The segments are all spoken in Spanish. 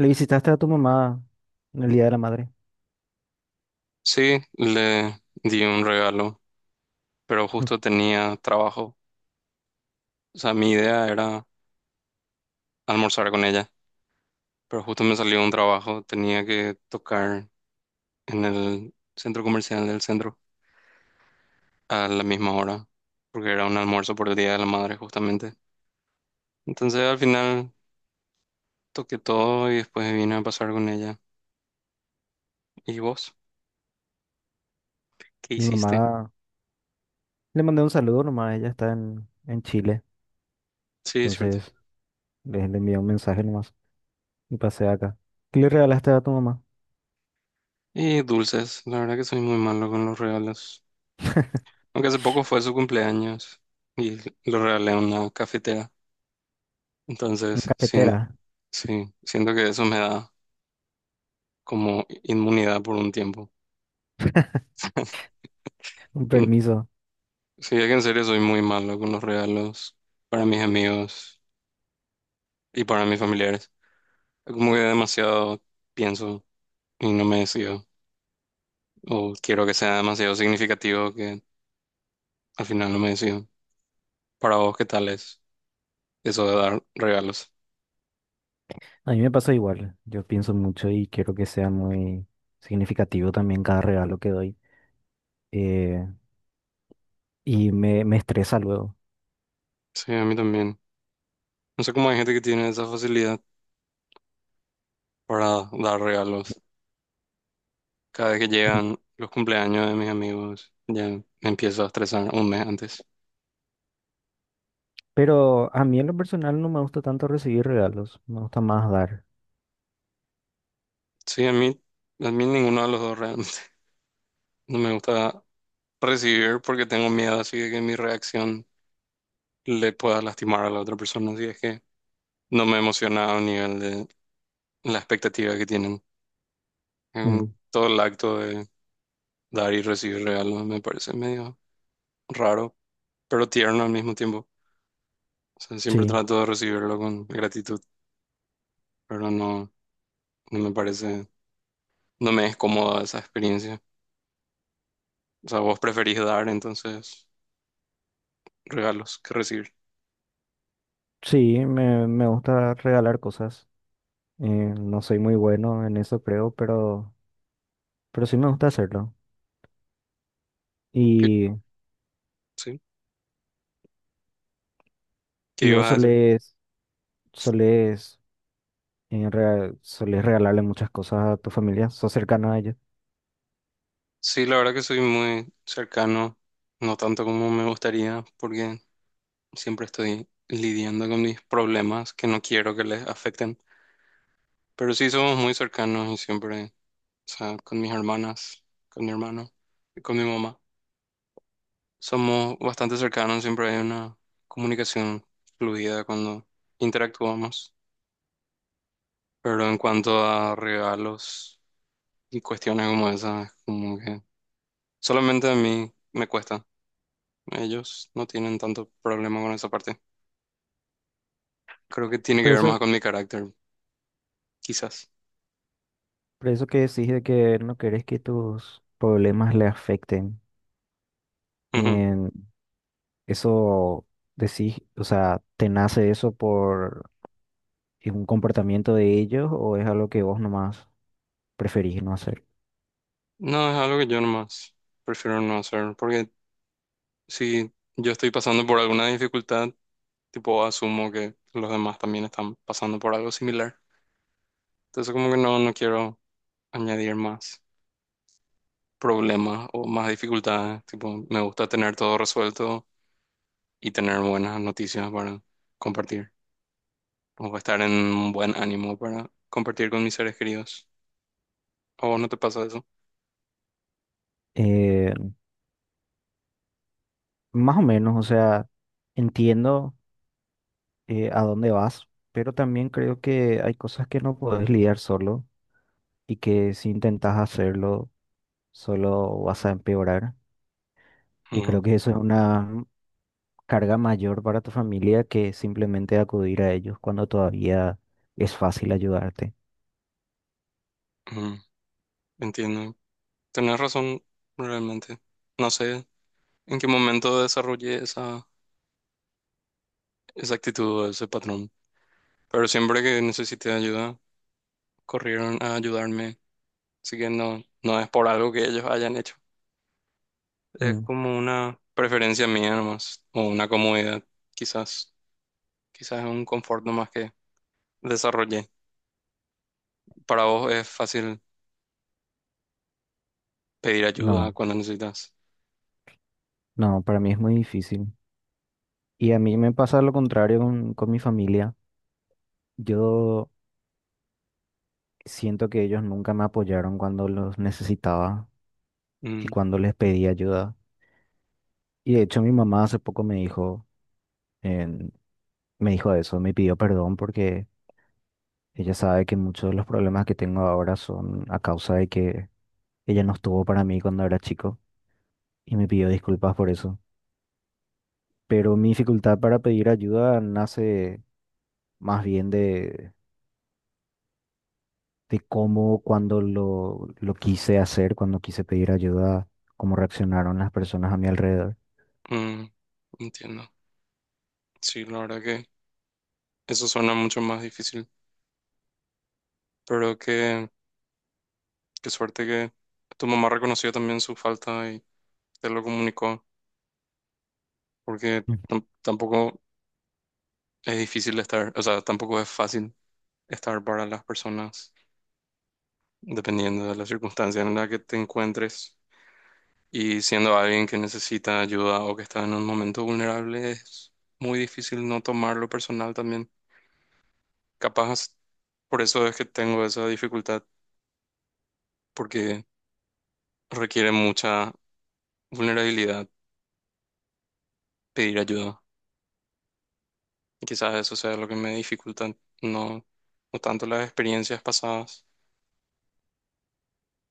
Le visitaste a tu mamá en el Día de la Madre. Sí, le di un regalo, pero justo tenía trabajo. O sea, mi idea era almorzar con ella, pero justo me salió un trabajo. Tenía que tocar en el centro comercial del centro a la misma hora, porque era un almuerzo por el Día de la Madre justamente. Entonces al final toqué todo y después vine a pasar con ella. ¿Y vos? ¿Qué Mi hiciste? mamá, le mandé un saludo nomás, ella está en Chile. Sí, es cierto. Entonces le envié un mensaje nomás y pasé acá. ¿Qué le regalaste a tu mamá? Y dulces, la verdad que soy muy malo con los regalos. Aunque hace poco fue su cumpleaños y le regalé una cafetera. Una Entonces, cafetera, sien- sí, siento que eso me da como inmunidad por un tiempo. un Mm, permiso. sí, es que en serio soy muy malo con los regalos para mis amigos y para mis familiares. Es como que demasiado pienso y no me decido. O quiero que sea demasiado significativo que al final no me decido. Para vos, ¿qué tal es eso de dar regalos? A mí me pasa igual, yo pienso mucho y quiero que sea muy significativo también cada regalo que doy. eh, Me estresa luego. Sí, a mí también. No sé cómo hay gente que tiene esa facilidad para dar regalos. Cada vez que Mm. llegan los cumpleaños de mis amigos, ya me empiezo a estresar un mes antes. Pero a mí en lo personal no me gusta tanto recibir regalos, me gusta más dar. Sí, a mí ninguno de los dos realmente. No me gusta recibir porque tengo miedo así de que mi reacción le pueda lastimar a la otra persona. Así es que no me emociona a un nivel de la expectativa que tienen. Mm, En todo el acto de dar y recibir regalos me parece medio raro, pero tierno al mismo tiempo. O sea, siempre sí, trato de recibirlo con gratitud, pero no me parece, no me es cómoda esa experiencia. O sea, vos preferís dar entonces regalos que recibir. sí, me gusta regalar cosas. No soy muy bueno en eso, creo, pero sí me gusta hacerlo. ¿Qué, ¿Y, sí? ¿Qué y ibas vos a hacer? solés, solés, rea- solés regalarle muchas cosas a tu familia? ¿Sos cercano a ellos? Sí, la verdad que soy muy cercano, no tanto como me gustaría, porque siempre estoy lidiando con mis problemas que no quiero que les afecten. Pero sí somos muy cercanos y siempre, o sea, con mis hermanas, con mi hermano y con mi mamá. Somos bastante cercanos, siempre hay una comunicación fluida cuando interactuamos. Pero en cuanto a regalos y cuestiones como esas, como que solamente a mí me cuesta. Ellos no tienen tanto problema con esa parte. Creo que tiene que Por ver más eso, con mi carácter, quizás. por eso que decís de que no querés que tus problemas le afecten. Ujú. En eso decís, o sea, ¿te nace eso por un comportamiento de ellos o es algo que vos nomás preferís no hacer? No, es algo que yo nomás prefiero no hacer, porque si yo estoy pasando por alguna dificultad, tipo asumo que los demás también están pasando por algo similar. Entonces como que no quiero añadir más problemas o más dificultades. Tipo, me gusta tener todo resuelto y tener buenas noticias para compartir, o estar en un buen ánimo para compartir con mis seres queridos. ¿A vos no te pasa eso? Eh, Más o menos, o sea, entiendo a dónde vas, pero también creo que hay cosas que no puedes lidiar solo y que si intentas hacerlo, solo vas a empeorar. Y creo Ujú, que eso es una carga mayor para tu familia que simplemente acudir a ellos cuando todavía es fácil ayudarte. ujú, entiendo. Tenés razón, realmente. No sé en qué momento desarrollé esa actitud o ese patrón, pero siempre que necesité ayuda, corrieron a ayudarme. Así que no, no es por algo que ellos hayan hecho. Es Mm. como una preferencia mía nomás, o una comodidad, quizás. Quizás es un confort nomás que desarrollé. Para vos es fácil pedir ayuda No, cuando necesitas. no, para mí es muy difícil. Y a mí me pasa lo contrario con mi familia. Yo siento que ellos nunca me apoyaron cuando los necesitaba y cuando les pedí ayuda. Y de hecho mi mamá hace poco me dijo, en- me dijo eso, me pidió perdón porque ella sabe que muchos de los problemas que tengo ahora son a causa de que ella no estuvo para mí cuando era chico y me pidió disculpas por eso. Pero mi dificultad para pedir ayuda nace más bien de cómo cuando lo quise hacer, cuando quise pedir ayuda, cómo reaccionaron las personas a mi alrededor. Mm, entiendo. Sí, la verdad que eso suena mucho más difícil, pero qué suerte que tu mamá reconoció también su falta y te lo comunicó, porque Mm. Tampoco es difícil estar, o sea, tampoco es fácil estar para las personas, dependiendo de la circunstancia en la que te encuentres. Y siendo alguien que necesita ayuda o que está en un momento vulnerable, es muy difícil no tomarlo personal también. Capaz, por eso es que tengo esa dificultad, porque requiere mucha vulnerabilidad pedir ayuda. Y quizás eso sea lo que me dificulta, no, no tanto las experiencias pasadas,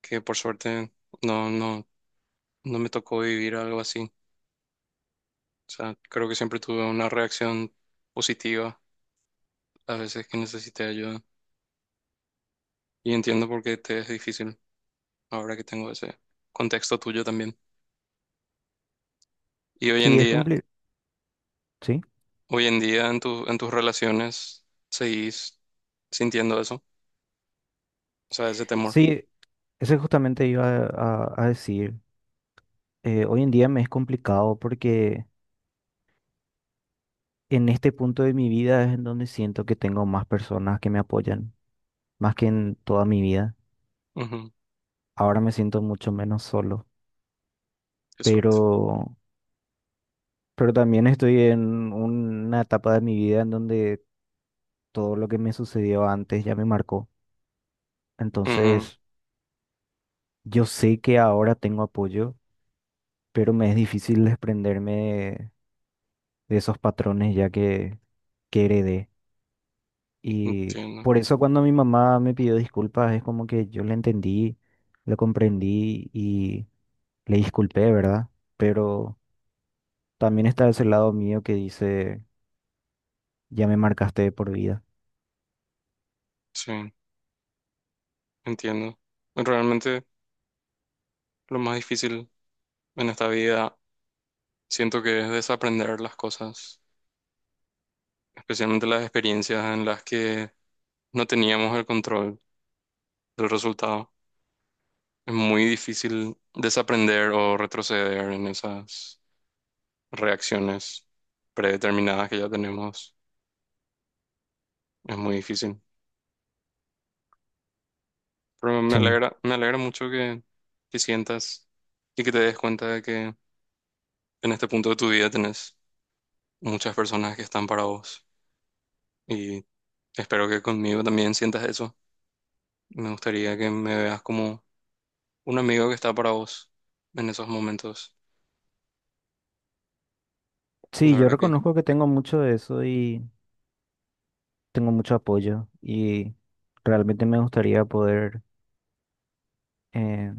que por suerte no, no, no me tocó vivir algo así. O sea, creo que siempre tuve una reacción positiva las veces que necesité ayuda. Y entiendo por qué te es difícil ahora que tengo ese contexto tuyo también. Y Sí, es cumplir, sí. hoy en día en en tus relaciones seguís sintiendo eso, o sea, ese temor. Sí, eso justamente iba a, a decir. Hoy en día me es complicado porque en este punto de mi vida es en donde siento que tengo más personas que me apoyan, más que en toda mi vida. Ujú, Ahora me siento mucho menos solo, qué suerte. pero, pero también estoy en una etapa de mi vida en donde todo lo que me sucedió antes ya me marcó. Ujú, Entonces, yo sé que ahora tengo apoyo, pero me es difícil desprenderme de esos patrones que heredé. Y entiendo. por eso cuando mi mamá me pidió disculpas, es como que yo le entendí, lo comprendí y le disculpé, ¿verdad? Pero también está ese lado mío que dice, ya me marcaste de por vida. Sí, entiendo. Realmente lo más difícil en esta vida siento que es desaprender las cosas, especialmente las experiencias en las que no teníamos el control del resultado. Es muy difícil desaprender o retroceder en esas reacciones predeterminadas que ya tenemos. Es muy difícil. Pero Sí, me alegra mucho que sientas y que te des cuenta de que en este punto de tu vida tenés muchas personas que están para vos. Y espero que conmigo también sientas eso. Me gustaría que me veas como un amigo que está para vos en esos momentos. La sí, yo verdad que reconozco que tengo mucho de eso y tengo mucho apoyo y realmente me gustaría poder eh,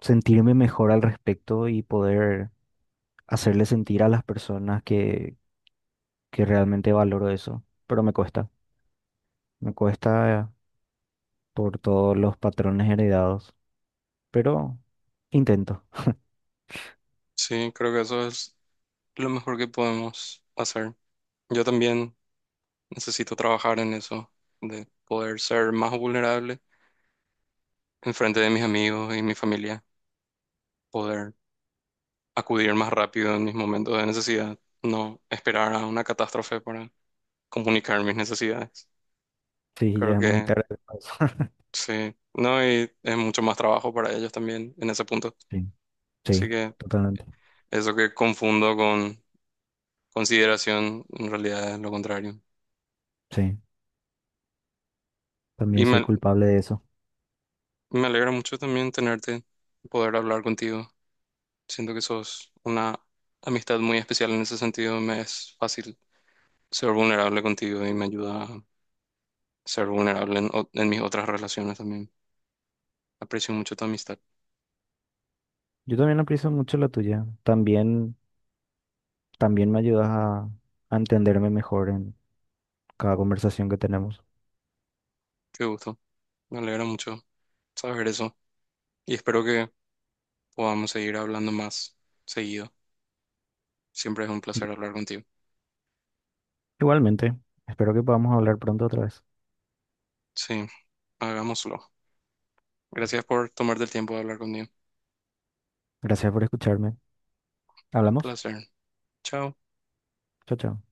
sentirme mejor al respecto y poder hacerle sentir a las personas que realmente valoro eso, pero me cuesta, me cuesta por todos los patrones heredados, pero intento. sí, creo que eso es lo mejor que podemos hacer. Yo también necesito trabajar en eso, de poder ser más vulnerable en frente de mis amigos y mi familia, poder acudir más rápido en mis momentos de necesidad, no esperar a una catástrofe para comunicar mis necesidades. Sí, ya Creo es muy que tarde para eso. sí, no, y es mucho más trabajo para ellos también en ese punto. Sí, Así sí, que totalmente. eso que confundo con consideración, en realidad es lo contrario. Sí, Y también soy culpable de eso. me alegra mucho también tenerte, poder hablar contigo. Siento que sos una amistad muy especial en ese sentido. Me es fácil ser vulnerable contigo y me ayuda a ser vulnerable en mis otras relaciones también. Aprecio mucho tu amistad. Yo también aprecio mucho la tuya. También, también me ayudas a entenderme mejor en cada conversación que tenemos. Qué gusto. Me alegra mucho saber eso. Y espero que podamos seguir hablando más seguido. Siempre es un Yo- placer hablar contigo. Igualmente, espero que podamos hablar pronto otra vez. Sí, hagámoslo. Gracias por tomarte el tiempo de hablar conmigo. Gracias por escucharme. Un Hablamos. placer. Chao. Chao, chao.